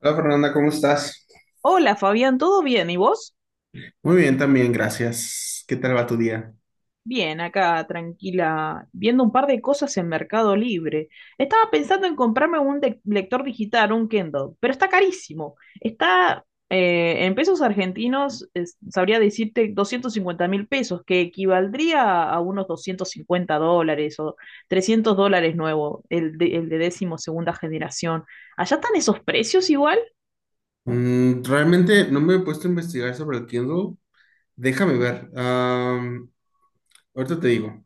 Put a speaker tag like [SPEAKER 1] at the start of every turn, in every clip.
[SPEAKER 1] Hola Fernanda, ¿cómo estás?
[SPEAKER 2] Hola Fabián, ¿todo bien? ¿Y vos?
[SPEAKER 1] Muy bien, también, gracias. ¿Qué tal va tu día?
[SPEAKER 2] Bien, acá tranquila, viendo un par de cosas en Mercado Libre. Estaba pensando en comprarme un lector digital, un Kindle, pero está carísimo. Está en pesos argentinos, sabría decirte 250.000 pesos, que equivaldría a unos US$250 o US$300 nuevo, el de décimo segunda generación. ¿Allá están esos precios igual?
[SPEAKER 1] Realmente no me he puesto a investigar sobre el Kindle. Déjame ver. Ahorita te digo.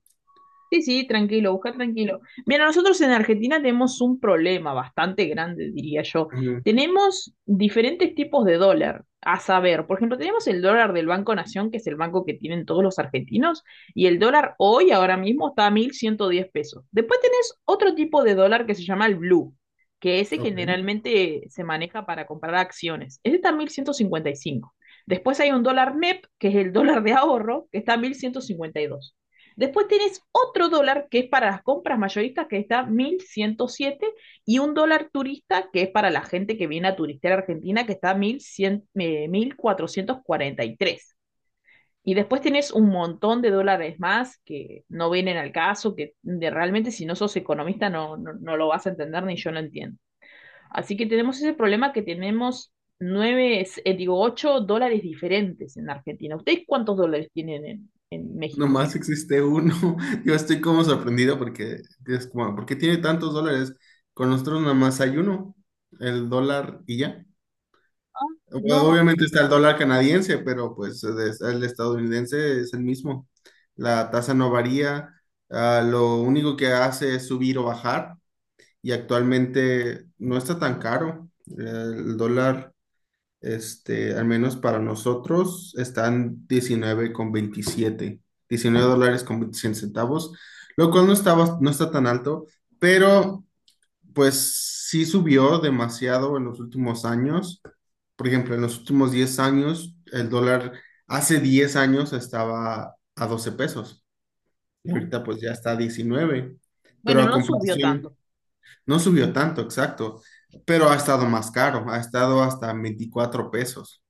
[SPEAKER 2] Sí, sí, tranquilo, busca tranquilo. Mira, nosotros en Argentina tenemos un problema bastante grande, diría yo.
[SPEAKER 1] Mm,
[SPEAKER 2] Tenemos diferentes tipos de dólar, a saber, por ejemplo, tenemos el dólar del Banco Nación, que es el banco que tienen todos los argentinos, y el dólar hoy, ahora mismo, está a 1.110 pesos. Después tenés otro tipo de dólar que se llama el blue, que ese
[SPEAKER 1] ok.
[SPEAKER 2] generalmente se maneja para comprar acciones. Ese está a 1.155. Después hay un dólar MEP, que es el dólar de ahorro, que está a 1.152. Después tenés otro dólar que es para las compras mayoristas, que está 1.107. Y un dólar turista que es para la gente que viene a turistear a Argentina, que está 1100, 1443. Y después tenés un montón de dólares más que no vienen al caso, que realmente si no sos economista no, no, no lo vas a entender ni yo lo entiendo. Así que tenemos ese problema que tenemos nueve, digo, ocho dólares diferentes en Argentina. ¿Ustedes cuántos dólares tienen en México?
[SPEAKER 1] Nomás existe uno. Yo estoy como sorprendido porque es como, ¿por qué tiene tantos dólares? Con nosotros nada más hay uno, el dólar y ya.
[SPEAKER 2] Ah. No.
[SPEAKER 1] Obviamente está el dólar canadiense, pero pues el estadounidense es el mismo. La tasa no varía, ah, lo único que hace es subir o bajar y actualmente no está tan caro. El dólar, este, al menos para nosotros, está en diecinueve dólares con 27 centavos, lo cual no está, no está tan alto, pero pues sí subió demasiado en los últimos años. Por ejemplo, en los últimos 10 años, el dólar hace 10 años estaba a 12 pesos y ahorita pues ya está a 19, pero
[SPEAKER 2] Bueno,
[SPEAKER 1] a
[SPEAKER 2] no subió
[SPEAKER 1] comparación
[SPEAKER 2] tanto.
[SPEAKER 1] no subió tanto, exacto, pero ha estado más caro, ha estado hasta 24 pesos,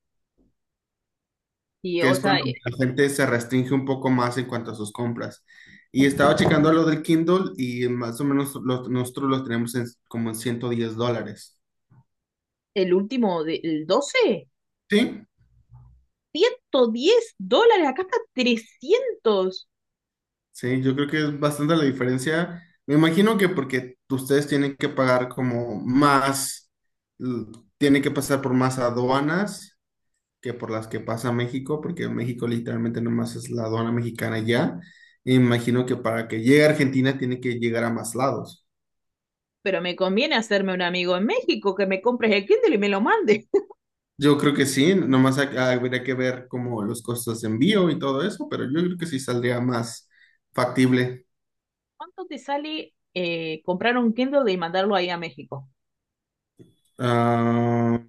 [SPEAKER 2] Y,
[SPEAKER 1] que
[SPEAKER 2] o
[SPEAKER 1] es
[SPEAKER 2] sea,
[SPEAKER 1] cuando la gente se restringe un poco más en cuanto a sus compras. Y estaba checando lo del Kindle y más o menos nosotros los tenemos como en $110.
[SPEAKER 2] el último del 12,
[SPEAKER 1] Sí,
[SPEAKER 2] diez dólares, acá está trescientos.
[SPEAKER 1] sí, yo creo que es bastante la diferencia. Me imagino que porque ustedes tienen que pagar como más, l- tienen que pasar por más aduanas que por las que pasa México, porque México literalmente nomás es la aduana mexicana ya. Me imagino que para que llegue a Argentina tiene que llegar a más lados.
[SPEAKER 2] Pero me conviene hacerme un amigo en México que me compres el Kindle y me lo mande.
[SPEAKER 1] Yo creo que sí, nomás habría que ver como los costos de envío y todo eso, pero yo creo que sí saldría más factible.
[SPEAKER 2] ¿Cuánto te sale comprar un Kindle y mandarlo ahí a México?
[SPEAKER 1] Ah,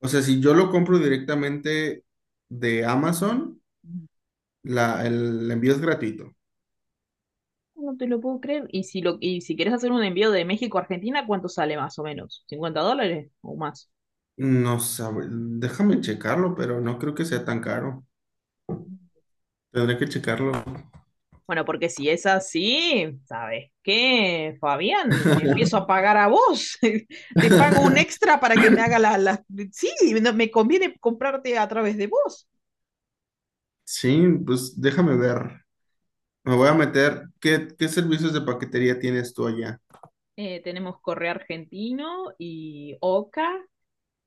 [SPEAKER 1] o sea, si yo lo compro directamente de Amazon, la, el envío es gratuito.
[SPEAKER 2] No te lo puedo creer. Y y si quieres hacer un envío de México a Argentina, ¿cuánto sale más o menos? ¿US$50 o más?
[SPEAKER 1] No sabe, déjame checarlo, pero no creo que sea tan caro. Tendré que checarlo.
[SPEAKER 2] Bueno, porque si es así, ¿sabes qué, Fabián? Te empiezo a pagar a vos. Te pago un extra para que me haga las. Sí, no, me conviene comprarte a través de vos.
[SPEAKER 1] Sí, pues déjame ver. Me voy a meter. ¿Qué, qué servicios de paquetería tienes tú allá?
[SPEAKER 2] Tenemos Correo Argentino y Oca.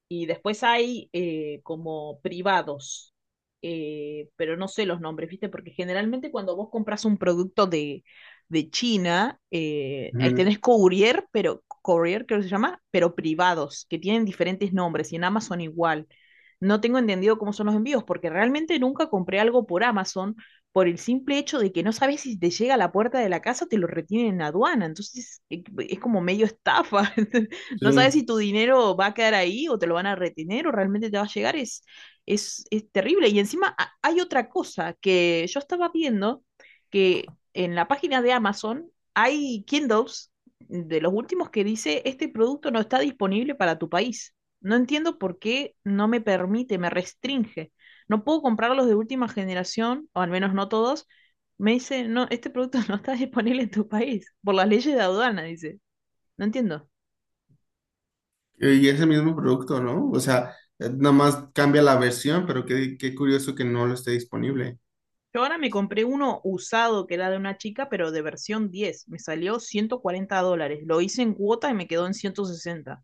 [SPEAKER 2] Y después hay como privados, pero no sé los nombres, ¿viste? Porque generalmente cuando vos compras un producto de China, ahí
[SPEAKER 1] Ujú,
[SPEAKER 2] tenés courier, pero courier creo que se llama, pero privados, que tienen diferentes nombres y en Amazon igual. No tengo entendido cómo son los envíos, porque realmente nunca compré algo por Amazon por el simple hecho de que no sabes si te llega a la puerta de la casa o te lo retienen en aduana. Entonces es como medio estafa. No sabes
[SPEAKER 1] sí.
[SPEAKER 2] si tu dinero va a quedar ahí o te lo van a retener o realmente te va a llegar. Es terrible. Y encima hay otra cosa que yo estaba viendo que en la página de Amazon hay Kindles de los últimos que dice este producto no está disponible para tu país. No entiendo por qué no me permite, me restringe. No puedo comprar los de última generación, o al menos no todos. Me dice, no, este producto no está disponible en tu país por las leyes de aduana, dice. No entiendo.
[SPEAKER 1] Y ese mismo producto, ¿no? O sea, nada más cambia la versión, pero qué curioso que no lo esté disponible.
[SPEAKER 2] Yo ahora me compré uno usado que era de una chica, pero de versión diez. Me salió US$140. Lo hice en cuota y me quedó en 160.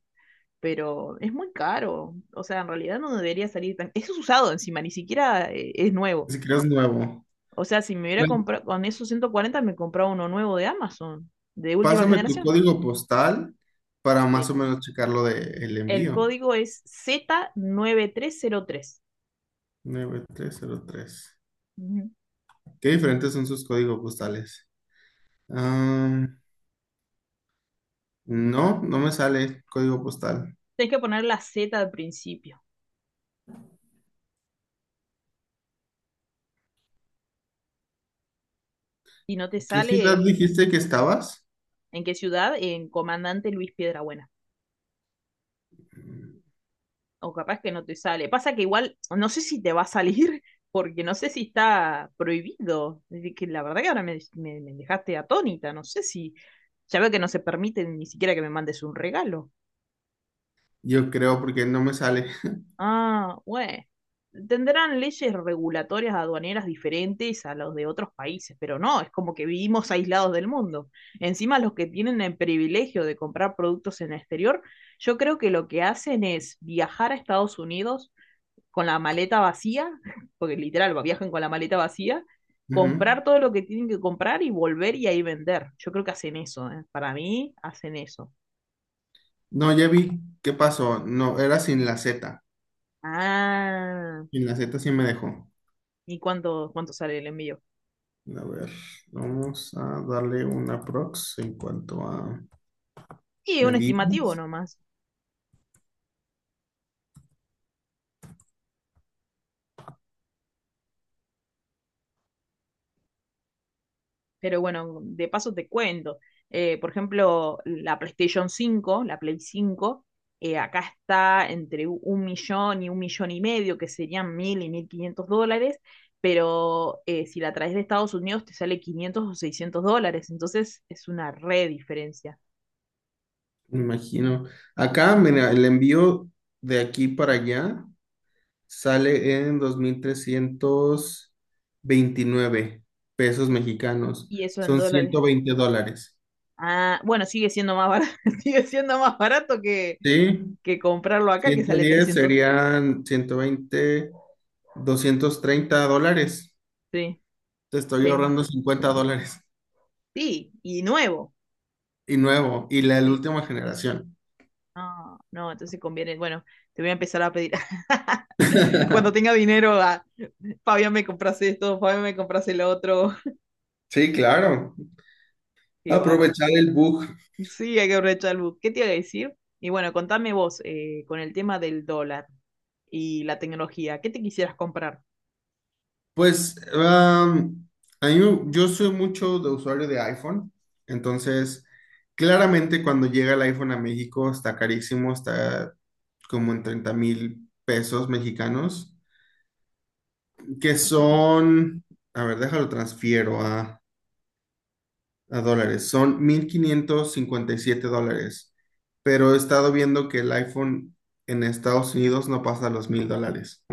[SPEAKER 2] Pero es muy caro. O sea, en realidad no debería salir tan. Eso es usado encima, ni siquiera es nuevo.
[SPEAKER 1] Ni siquiera es nuevo.
[SPEAKER 2] O sea, si me hubiera comprado con esos 140 me compraba uno nuevo de Amazon, de última
[SPEAKER 1] Pásame tu
[SPEAKER 2] generación.
[SPEAKER 1] código postal para más
[SPEAKER 2] Sí.
[SPEAKER 1] o menos checar lo del
[SPEAKER 2] El
[SPEAKER 1] envío.
[SPEAKER 2] código es Z9303. Nueve tres cero tres.
[SPEAKER 1] 9303.
[SPEAKER 2] Ujú.
[SPEAKER 1] ¿Qué diferentes son sus códigos postales? Am, no, no me sale código postal.
[SPEAKER 2] Tienes que poner la Z al principio. Y no te
[SPEAKER 1] ¿Qué ciudad
[SPEAKER 2] sale.
[SPEAKER 1] dijiste que estabas?
[SPEAKER 2] En qué ciudad, en Comandante Luis Piedrabuena. O capaz que no te sale. Pasa que igual no sé si te va a salir porque no sé si está prohibido. Es decir, que la verdad que ahora me dejaste atónita, no sé si ya veo que no se permite ni siquiera que me mandes un regalo.
[SPEAKER 1] Yo creo porque no me sale.
[SPEAKER 2] Ah, bueno. Tendrán leyes regulatorias aduaneras diferentes a los de otros países, pero no, es como que vivimos aislados del mundo. Encima, los que tienen el privilegio de comprar productos en el exterior, yo creo que lo que hacen es viajar a Estados Unidos con la maleta vacía, porque literal, viajan con la maleta vacía,
[SPEAKER 1] Ujú.
[SPEAKER 2] comprar todo lo que tienen que comprar y volver y ahí vender. Yo creo que hacen eso, ¿eh? Para mí, hacen eso.
[SPEAKER 1] No, ya vi qué pasó. No, era sin la Z.
[SPEAKER 2] Ah,
[SPEAKER 1] Sin la Z sí me dejó.
[SPEAKER 2] ¿y cuánto sale el envío?
[SPEAKER 1] A ver, vamos a darle una prox en cuanto a
[SPEAKER 2] Y un estimativo
[SPEAKER 1] medidas.
[SPEAKER 2] nomás. Pero bueno, de paso te cuento. Por ejemplo, la PlayStation cinco, la Play cinco, acá está entre un millón y medio, que serían mil y mil quinientos dólares, pero si la traes de Estados Unidos te sale 500 o 600 dólares, entonces es una re diferencia.
[SPEAKER 1] Me imagino. Acá, mira, el envío de aquí para allá sale en 2,329 pesos mexicanos.
[SPEAKER 2] ¿Y eso en
[SPEAKER 1] Son
[SPEAKER 2] dólares?
[SPEAKER 1] $120.
[SPEAKER 2] Ah, bueno, sigue siendo más barato, sigue siendo más barato que,
[SPEAKER 1] Sí,
[SPEAKER 2] que comprarlo acá, que
[SPEAKER 1] ciento
[SPEAKER 2] sale
[SPEAKER 1] diez
[SPEAKER 2] trescientos.
[SPEAKER 1] serían 120, $230.
[SPEAKER 2] Sí,
[SPEAKER 1] Te estoy
[SPEAKER 2] sí.
[SPEAKER 1] ahorrando $50.
[SPEAKER 2] Sí, y nuevo.
[SPEAKER 1] Y nuevo, y la
[SPEAKER 2] Sí.
[SPEAKER 1] última generación.
[SPEAKER 2] No, no, entonces conviene. Bueno, te voy a empezar a pedir. Cuando tenga dinero, a Fabián me compras esto, Fabián me compras el otro.
[SPEAKER 1] Sí, claro.
[SPEAKER 2] Qué bárbaro.
[SPEAKER 1] Aprovechar el bug.
[SPEAKER 2] Sí, hay que aprovechar el boom. ¿Qué te iba a decir? Y bueno, contame vos con el tema del dólar y la tecnología. ¿Qué te quisieras comprar?
[SPEAKER 1] Pues a mí yo soy mucho de usuario de iPhone, entonces claramente cuando llega el iPhone a México está carísimo, está como en 30,000 pesos mexicanos, que son, a ver, déjalo transfiero a, dólares, son $1,557, pero he estado viendo que el iPhone en Estados Unidos no pasa los $1,000.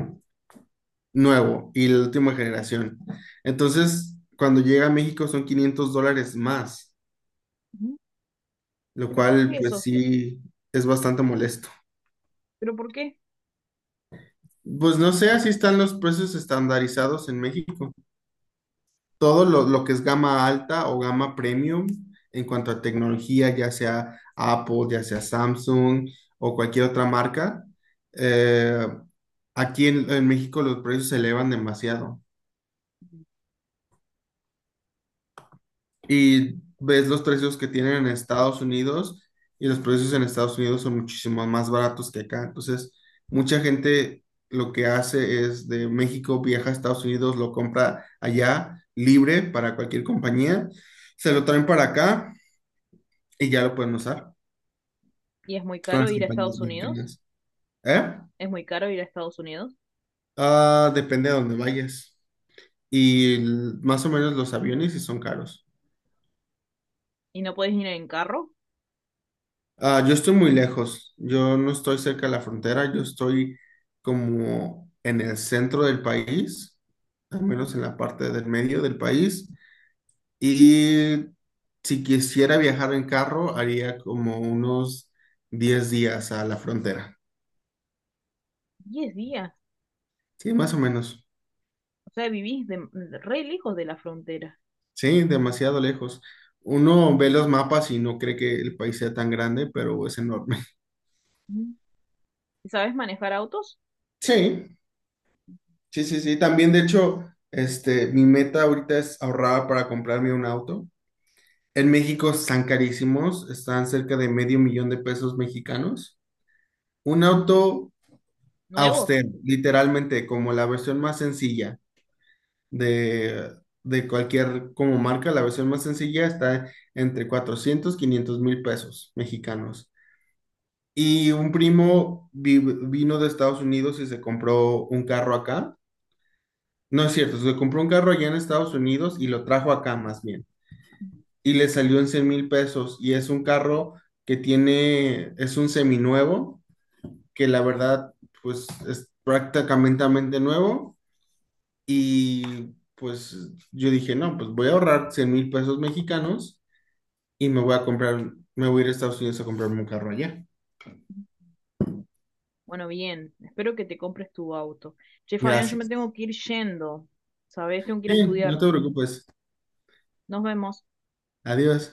[SPEAKER 1] Nuevo y la última generación. Entonces, cuando llega a México son $500 más,
[SPEAKER 2] Ujú.
[SPEAKER 1] lo
[SPEAKER 2] ¿Pero por
[SPEAKER 1] cual
[SPEAKER 2] qué
[SPEAKER 1] pues
[SPEAKER 2] eso?
[SPEAKER 1] sí es bastante molesto.
[SPEAKER 2] ¿Pero por qué?
[SPEAKER 1] Pues no sé, así están los precios estandarizados en México. Todo lo que es gama alta o gama premium en cuanto a tecnología, ya sea Apple, ya sea Samsung o cualquier otra marca, eh, aquí en México los precios se elevan demasiado. Y ves los precios que tienen en Estados Unidos y los precios en Estados Unidos son muchísimo más baratos que acá. Entonces, mucha gente lo que hace es de México viaja a Estados Unidos, lo compra allá libre para cualquier compañía, se lo traen para acá y ya lo pueden usar
[SPEAKER 2] ¿Y es muy
[SPEAKER 1] con
[SPEAKER 2] caro
[SPEAKER 1] las
[SPEAKER 2] ir a
[SPEAKER 1] compañías
[SPEAKER 2] Estados Unidos?
[SPEAKER 1] mexicanas. ¿Eh?
[SPEAKER 2] ¿Es muy caro ir a Estados Unidos?
[SPEAKER 1] Ah, depende de dónde vayas. Y más o menos los aviones sí son caros.
[SPEAKER 2] ¿Y no podés ir en carro?
[SPEAKER 1] Ah, yo estoy muy lejos, yo no estoy cerca de la frontera, yo estoy como en el centro del país, al menos en la parte del medio del país. Y si quisiera viajar en carro, haría como unos 10 días a la frontera.
[SPEAKER 2] 10 días.
[SPEAKER 1] Sí, más o menos.
[SPEAKER 2] O sea, vivís re lejos de la frontera.
[SPEAKER 1] Sí, demasiado lejos. Uno ve los mapas y no cree que el país sea tan grande, pero es enorme.
[SPEAKER 2] Ujú. ¿Y sabés manejar autos
[SPEAKER 1] Sí, sí, sí, sí. También, de hecho, este, mi meta ahorita es ahorrar para comprarme un auto. En México están carísimos, están cerca de medio millón de pesos mexicanos. Un auto
[SPEAKER 2] nuevos?
[SPEAKER 1] austero, literalmente, como la versión más sencilla de, de, cualquier como marca, la versión más sencilla está entre 400 500 mil pesos mexicanos. Y un primo vino de Estados Unidos y se compró un carro acá. No es cierto, se compró un carro allá en Estados Unidos y lo trajo acá más bien. Y le salió en 100,000 pesos y es un carro que tiene, es un seminuevo, que la verdad pues es prácticamente nuevo y pues yo dije, no, pues voy a ahorrar 100,000 pesos mexicanos y me voy a comprar, me voy a ir a Estados Unidos a comprarme un carro allá.
[SPEAKER 2] Bueno, bien, espero que te compres tu auto. Che, Fabián, yo me
[SPEAKER 1] Gracias.
[SPEAKER 2] tengo que ir yendo, ¿sabes? Tengo que ir a
[SPEAKER 1] Sí, no
[SPEAKER 2] estudiar.
[SPEAKER 1] te preocupes.
[SPEAKER 2] Nos vemos.
[SPEAKER 1] Adiós.